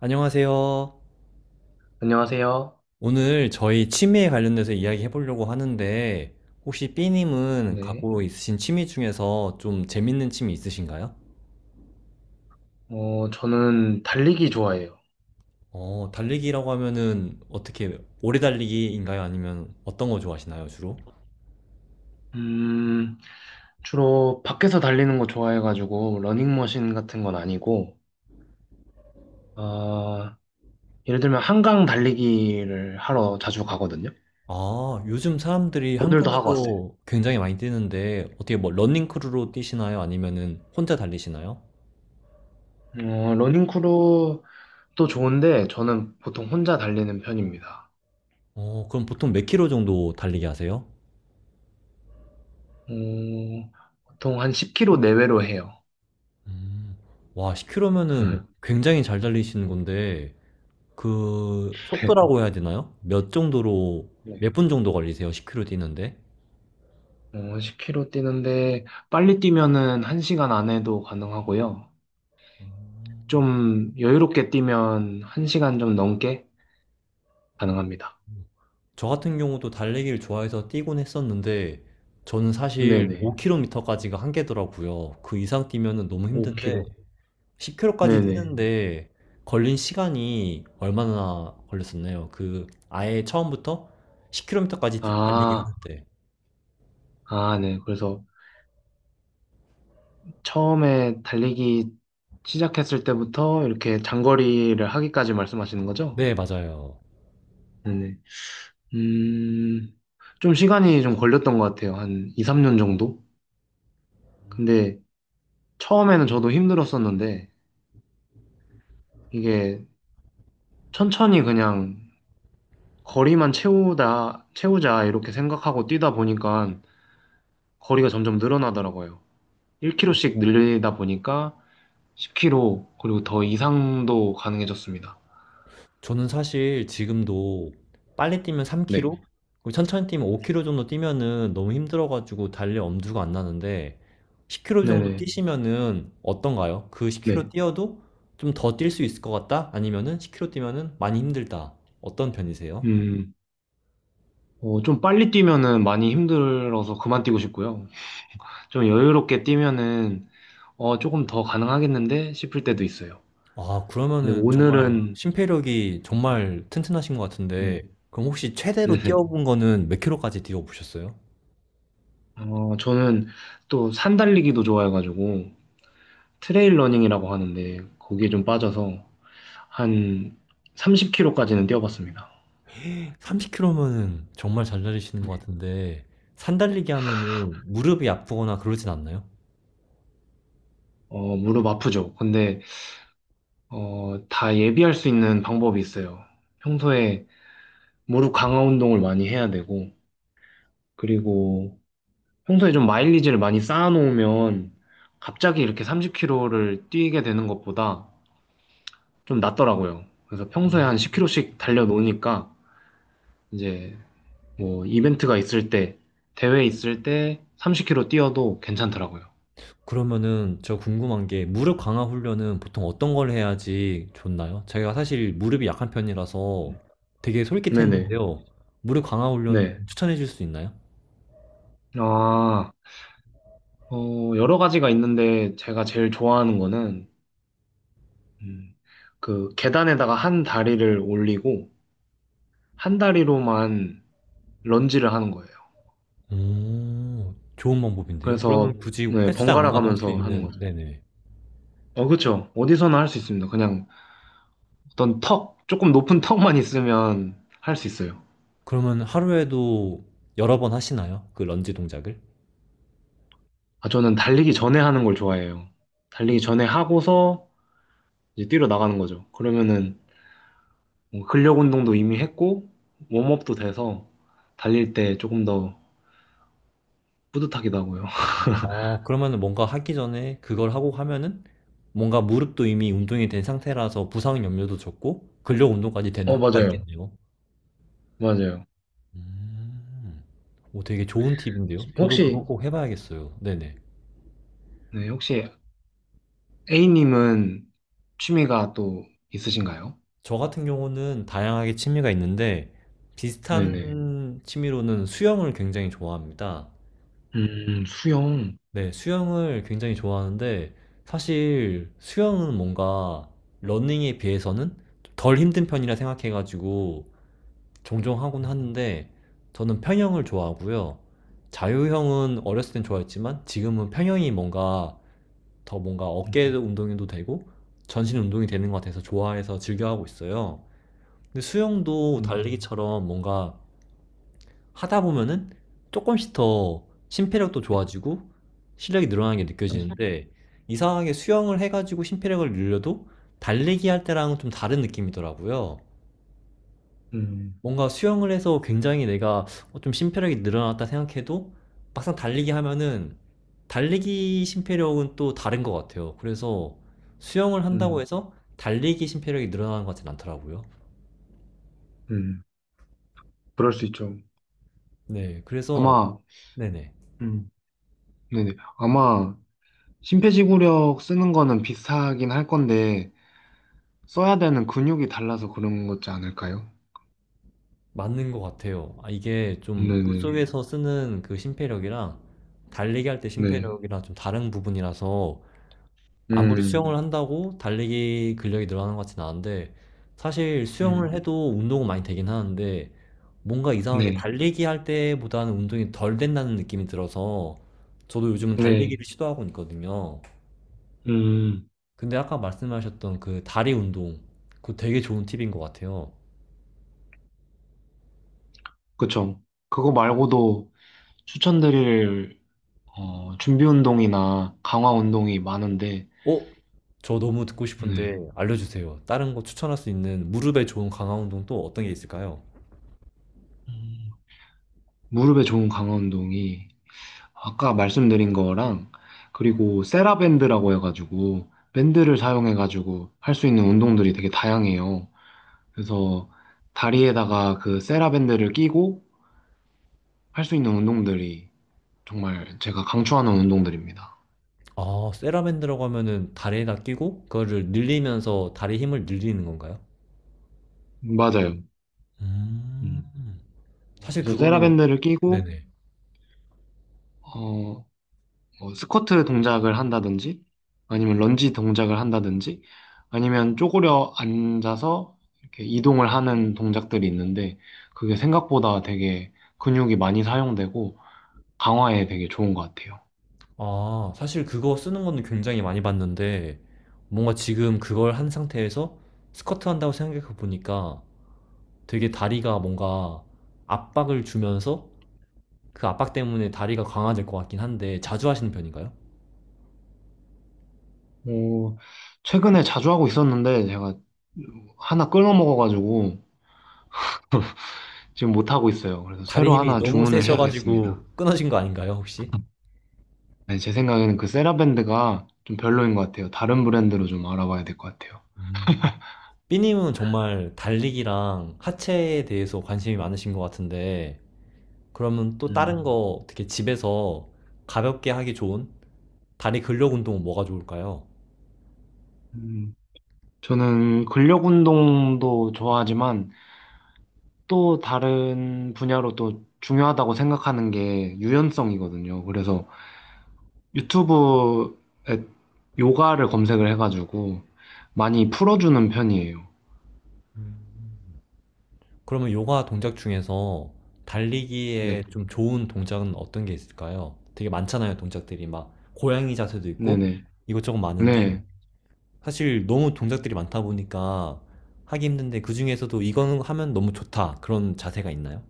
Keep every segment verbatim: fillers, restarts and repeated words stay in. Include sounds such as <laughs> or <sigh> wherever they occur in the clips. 안녕하세요. 안녕하세요. 오늘 저희 취미에 관련돼서 이야기 해보려고 하는데, 혹시 삐님은 네. 갖고 있으신 취미 중에서 좀 재밌는 취미 있으신가요? 어, 저는 달리기 좋아해요. 어, 달리기라고 하면은 어떻게, 오래 달리기인가요? 아니면 어떤 거 좋아하시나요, 주로? 음, 주로 밖에서 달리는 거 좋아해가지고, 러닝머신 같은 건 아니고, 어, 예를 들면 한강 달리기를 하러 자주 가거든요. 아, 요즘 사람들이 오늘도 하고 왔어요. 한강에서 굉장히 많이 뛰는데, 어떻게 뭐 러닝크루로 뛰시나요? 아니면은 혼자 달리시나요? 어, 러닝크루도 좋은데, 저는 보통 혼자 달리는 편입니다. 어, 그럼 보통 몇 킬로 정도 달리기 하세요? 어, 보통 한 십 킬로미터 내외로 해요. 음, 와, 십 킬로면은 <laughs> 굉장히 잘 달리시는 건데, 그 네. 속도라고 해야 되나요? 몇 정도로 몇 네. 분 정도 걸리세요? 십 킬로미터 뛰는데? 어, 십 킬로미터 뛰는데, 빨리 뛰면은 한 시간 안에도 가능하고요. 좀 여유롭게 뛰면 한 시간 좀 넘게 가능합니다. 저 같은 경우도 달리기를 좋아해서 뛰곤 했었는데 저는 사실 네네. 오 킬로미터까지가 한계더라고요. 그 이상 뛰면은 너무 힘든데 오 킬로미터. 십 킬로미터까지 네네. 뛰는데 걸린 시간이 얼마나 걸렸었나요? 그 아예 처음부터 십 킬로미터까지 달리기 아, 하는데. 아, 네. 그래서 처음에 달리기 시작했을 때부터 이렇게 장거리를 하기까지 말씀하시는 거죠? 네, 맞아요. 네네. 음, 좀 시간이 좀 걸렸던 것 같아요. 한 이, 삼 년 정도? 근데 처음에는 저도 힘들었었는데 이게 천천히 그냥 거리만 채우다, 채우자 이렇게 생각하고 뛰다 보니까 거리가 점점 늘어나더라고요. 일 킬로미터씩 늘리다 보니까 십 킬로미터, 그리고 더 이상도 가능해졌습니다. 저는 사실 지금도 빨리 뛰면 네. 삼 킬로미터, 그리고 천천히 뛰면 오 킬로미터 정도 뛰면은 너무 힘들어가지고 달릴 엄두가 안 나는데 십 킬로미터 정도 네네. 뛰시면은 어떤가요? 그 십 킬로미터 네. 뛰어도 좀 더 뛸 수 있을 것 같다? 아니면은 십 킬로미터 뛰면은 많이 힘들다. 어떤 편이세요? 음, 어, 좀 빨리 뛰면은 많이 힘들어서 그만 뛰고 싶고요. 좀 여유롭게 뛰면은, 어, 조금 더 가능하겠는데 싶을 때도 있어요. 아, 근데 그러면은 정말 오늘은, 심폐력이 정말 튼튼하신 것 네. 같은데 그럼 혹시 최대로 네네. 뛰어본 거는 몇 킬로까지 뛰어보셨어요? 어, 저는 또 산 달리기도 좋아해가지고, 트레일 러닝이라고 하는데, 거기에 좀 빠져서 한 삼십 킬로미터까지는 뛰어봤습니다. 삼십 케이로면은 정말 잘 달리시는 네. 것 같은데 산 달리기 하면은 무릎이 아프거나 그러진 않나요? 어, 무릎 아프죠. 근데, 어, 다 예비할 수 있는 방법이 있어요. 평소에 무릎 강화 운동을 많이 해야 되고, 그리고 평소에 좀 마일리지를 많이 쌓아놓으면 갑자기 이렇게 삼십 킬로미터를 뛰게 되는 것보다 좀 낫더라고요. 그래서 평소에 한 십 킬로미터씩 달려놓으니까 이제 뭐 이벤트가 있을 때, 대회 있을 때 삼십 킬로미터 뛰어도 괜찮더라고요. 그러면은 저 궁금한 게 무릎 강화 훈련은 보통 어떤 걸 해야지 좋나요? 제가 사실 무릎이 약한 편이라서 되게 네네. 솔깃했는데요. 무릎 강화 훈련 네. 추천해 줄 수 있나요? 아, 어, 여러 가지가 있는데 제가 제일 좋아하는 거는 음, 그 계단에다가 한 다리를 올리고 한 다리로만 런지를 하는 거예요. 오, 좋은 방법인데요. 그래서 그러면 굳이 네, 헬스장 안 번갈아 가도 할 수 가면서 하는 있는, 거죠. 네네. 어, 그렇죠. 어디서나 할 수 있습니다. 그냥 어떤 턱, 조금 높은 턱만 있으면 할 수 있어요. 그러면 하루에도 여러 번 하시나요? 그 런지 동작을? 아, 저는 달리기 전에 하는 걸 좋아해요. 달리기 전에 하고서 이제 뛰러 나가는 거죠. 그러면은 뭐 근력 운동도 이미 했고 웜업도 돼서 달릴 때 조금 더 뿌듯하기도 하고요. 어, 그러면은 뭔가 하기 전에 그걸 하고 하면은 뭔가 무릎도 이미 운동이 <laughs> 된 상태라서 부상 염려도 적고 근력 운동까지 되는 어, 효과가 맞아요. 있겠네요. 맞아요. 음, 오, 되게 좋은 팁인데요. 저도 그거 혹시 꼭 해봐야겠어요. 네네. 네, 혹시 A님은 취미가 또 있으신가요? 저 같은 경우는 다양하게 취미가 있는데 네네. 비슷한 취미로는 수영을 굉장히 좋아합니다. 음, 수영. 네, 수영을 굉장히 좋아하는데 사실 수영은 뭔가 러닝에 비해서는 덜 힘든 편이라 생각해가지고 종종 하곤 음, 하는데 저는 평형을 좋아하고요. 자유형은 어렸을 땐 좋아했지만 지금은 평형이 뭔가 더 뭔가 어깨 운동이도 되고 전신 운동이 되는 것 같아서 좋아해서 즐겨 하고 있어요. 근데 수영도 음, 달리기처럼 뭔가 하다 보면은 조금씩 더 심폐력도 좋아지고 실력이 늘어나는 게 느껴지는데 이상하게 수영을 해가지고 심폐력을 늘려도 달리기 할 때랑은 좀 다른 느낌이더라고요. 음, 뭔가 수영을 해서 굉장히 내가 어, 좀 심폐력이 늘어났다 생각해도 막상 달리기 하면은 달리기 심폐력은 또 다른 것 같아요. 그래서 수영을 한다고 음, 해서 달리기 심폐력이 늘어나는 것 같진 않더라고요. 음. 그럴 수 있죠. 네, 그래서 아마, 네네 음, 네네. 아마, 심폐지구력 쓰는 거는 비슷하긴 할 건데, 써야 되는 근육이 달라서 그런 거지 않을까요? 맞는 것 같아요. 아, 이게 좀 네네. 물속에서 쓰는 그 심폐력이랑 달리기 할 때 네. 심폐력이랑 좀 다른 부분이라서 아무리 음, 수영을 한다고 달리기 근력이 늘어나는 것 같지는 않은데 사실 수영을 음, 해도 운동은 많이 되긴 하는데 뭔가 이상하게 네. 달리기 할 때보다는 운동이 덜 된다는 느낌이 들어서 저도 요즘은 네. 달리기를 시도하고 있거든요. 음, 근데 아까 말씀하셨던 그 다리 운동 그거 되게 좋은 팁인 것 같아요. 그쵸. 그거 말고도 추천드릴 어, 준비 운동이나 강화 운동이 많은데, 어? 저 너무 듣고 싶은데 네. 알려주세요. 다른 거 추천할 수 있는 무릎에 좋은 강화 운동 또 어떤 게 있을까요? 음, 무릎에 좋은 강화 운동이 아까 말씀드린 거랑 그리고 세라밴드라고 해가지고 밴드를 사용해가지고 할 수 있는 운동들이 되게 다양해요. 그래서 다리에다가 그 세라밴드를 끼고 할 수 있는 운동들이 정말 제가 강추하는 운동들입니다. 아, 세라밴드라고 하면은 다리에다 끼고 그거를 늘리면서 다리 힘을 늘리는 건가요? 맞아요. 음, 음. 사실 그래서 그거는 세라밴드를 끼고 네네. 어, 뭐 스쿼트 동작을 한다든지 아니면 런지 동작을 한다든지 아니면 쪼그려 앉아서 이렇게 이동을 하는 동작들이 있는데 그게 생각보다 되게 근육이 많이 사용되고 강화에 되게 좋은 것 같아요. 아, 사실 그거 쓰는 거는 굉장히 많이 봤는데, 뭔가 지금 그걸 한 상태에서 스쿼트 한다고 생각해 보니까 되게 다리가 뭔가 압박을 주면서 그 압박 때문에 다리가 강화될 것 같긴 한데, 자주 하시는 편인가요? 어, 최근에 자주 하고 있었는데 제가 하나 끊어 먹어가지고 지금 못 하고 있어요. 그래서 다리 새로 힘이 하나 너무 주문을 해야겠습니다. 세셔가지고 끊어진 거 아닌가요, 혹시? 네, 제 생각에는 그 세라밴드가 좀 별로인 것 같아요. 다른 브랜드로 좀 알아봐야 될 것 같아요. 음. 삐님은 정말 달리기랑 하체에 대해서 관심이 많으신 것 같은데, 그러면 또 음. 다른 거 어떻게 집에서 가볍게 하기 좋은 다리 근력 운동은 뭐가 좋을까요? 음, 저는 근력 운동도 좋아하지만 또 다른 분야로 또 중요하다고 생각하는 게 유연성이거든요. 그래서 유튜브에 요가를 검색을 해가지고 많이 풀어주는 편이에요. 그러면 요가 동작 중에서 네. 달리기에 좀 좋은 동작은 어떤 게 있을까요? 되게 많잖아요, 동작들이. 막 고양이 자세도 있고 네네. 이것저것 많은데, 네. 사실 너무 동작들이 많다 보니까 하기 힘든데 그중에서도 이거는 하면 너무 좋다. 그런 자세가 있나요?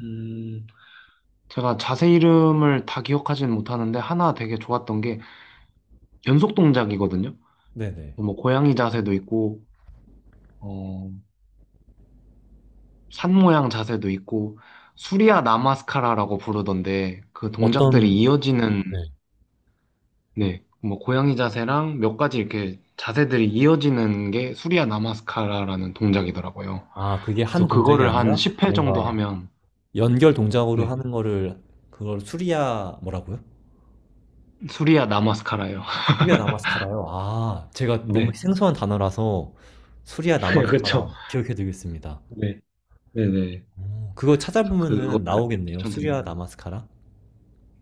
음, 제가 자세 이름을 다 기억하지는 못하는데 하나 되게 좋았던 게 연속 동작이거든요. 네네. 뭐 고양이 자세도 있고, 어, 산 모양 자세도 있고 수리아 나마스카라라고 부르던데 그 동작들이 어떤, 이어지는 네. 네, 뭐 고양이 자세랑 몇 가지 이렇게 자세들이 이어지는 게 수리아 나마스카라라는 동작이더라고요. 아, 그게 한 그래서 동작이 그거를 한 아니라 십 회 정도 뭔가 하면 연결 동작으로 네, 하는 거를 그걸 수리야 뭐라고요? 수리아 나마스카라예요. <laughs> 수리야 나마스카라요. 아, 제가 너무 네, 생소한 단어라서 수리야 <laughs> 네, 그렇죠. 나마스카라 기억해 두겠습니다. 네, 네, 네. 오, 그거 그래서 찾아보면은 그거를 나오겠네요. 수리야 추천드립니다. 나마스카라.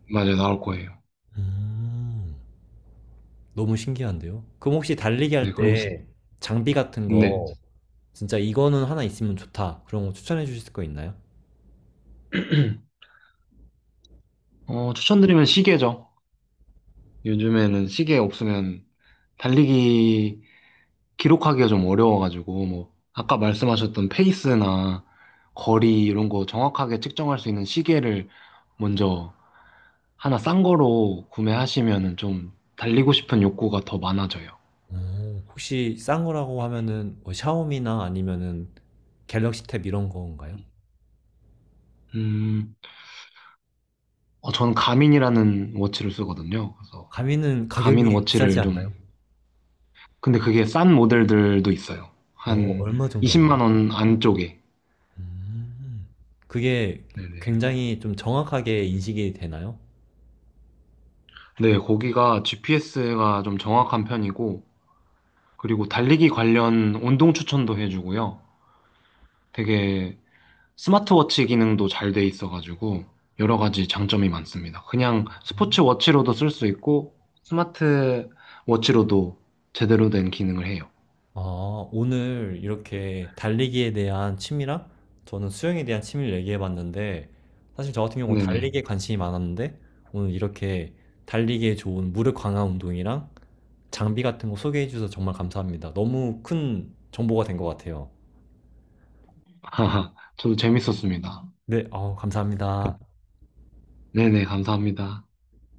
맞아요, 나올 거예요. 음, 너무 신기한데요. 그럼 혹시 달리기 네, 할 그럼 스- 때 장비 같은 네. 거 진짜 이거는 하나 있으면 좋다. 그런 거 추천해 주실 거 있나요? <clears throat> 어, 추천드리면 시계죠. 요즘에는 시계 없으면 달리기 기록하기가 좀 어려워가지고, 뭐, 아까 말씀하셨던 페이스나 거리 이런 거 정확하게 측정할 수 있는 시계를 먼저 하나 싼 거로 구매하시면은 좀 달리고 싶은 욕구가 더 많아져요. 어, 혹시 싼 거라고 하면은 뭐 샤오미나 아니면은 갤럭시 탭 이런 건가요? 음, 어, 저는 가민이라는 워치를 쓰거든요. 그래서 가미는 가민 가격이 비싸지 워치를 좀, 않나요? 근데 그게 싼 모델들도 있어요. 어, 한 얼마 정도 하나요? 이십만 원 안쪽에. 음, 그게 네네. 굉장히 좀 정확하게 인식이 되나요? 네, 거기가 지피에스가 좀 정확한 편이고, 그리고 달리기 관련 운동 추천도 해주고요. 되게 스마트워치 기능도 잘 돼 있어가지고 여러 가지 장점이 많습니다. 그냥 스포츠 워치로도 쓸 수 있고 스마트 워치로도 제대로 된 기능을 해요. 아, 오늘 이렇게 달리기에 대한 취미랑 저는 수영에 대한 취미를 얘기해 봤는데 사실 저 같은 경우는 네네. 달리기에 관심이 많았는데 오늘 이렇게 달리기에 좋은 무릎 강화 운동이랑 장비 같은 거 소개해 주셔서 정말 감사합니다. 너무 큰 정보가 된 것 같아요. <laughs> 저도 재밌었습니다. 네, 어, 감사합니다. 네네, 감사합니다.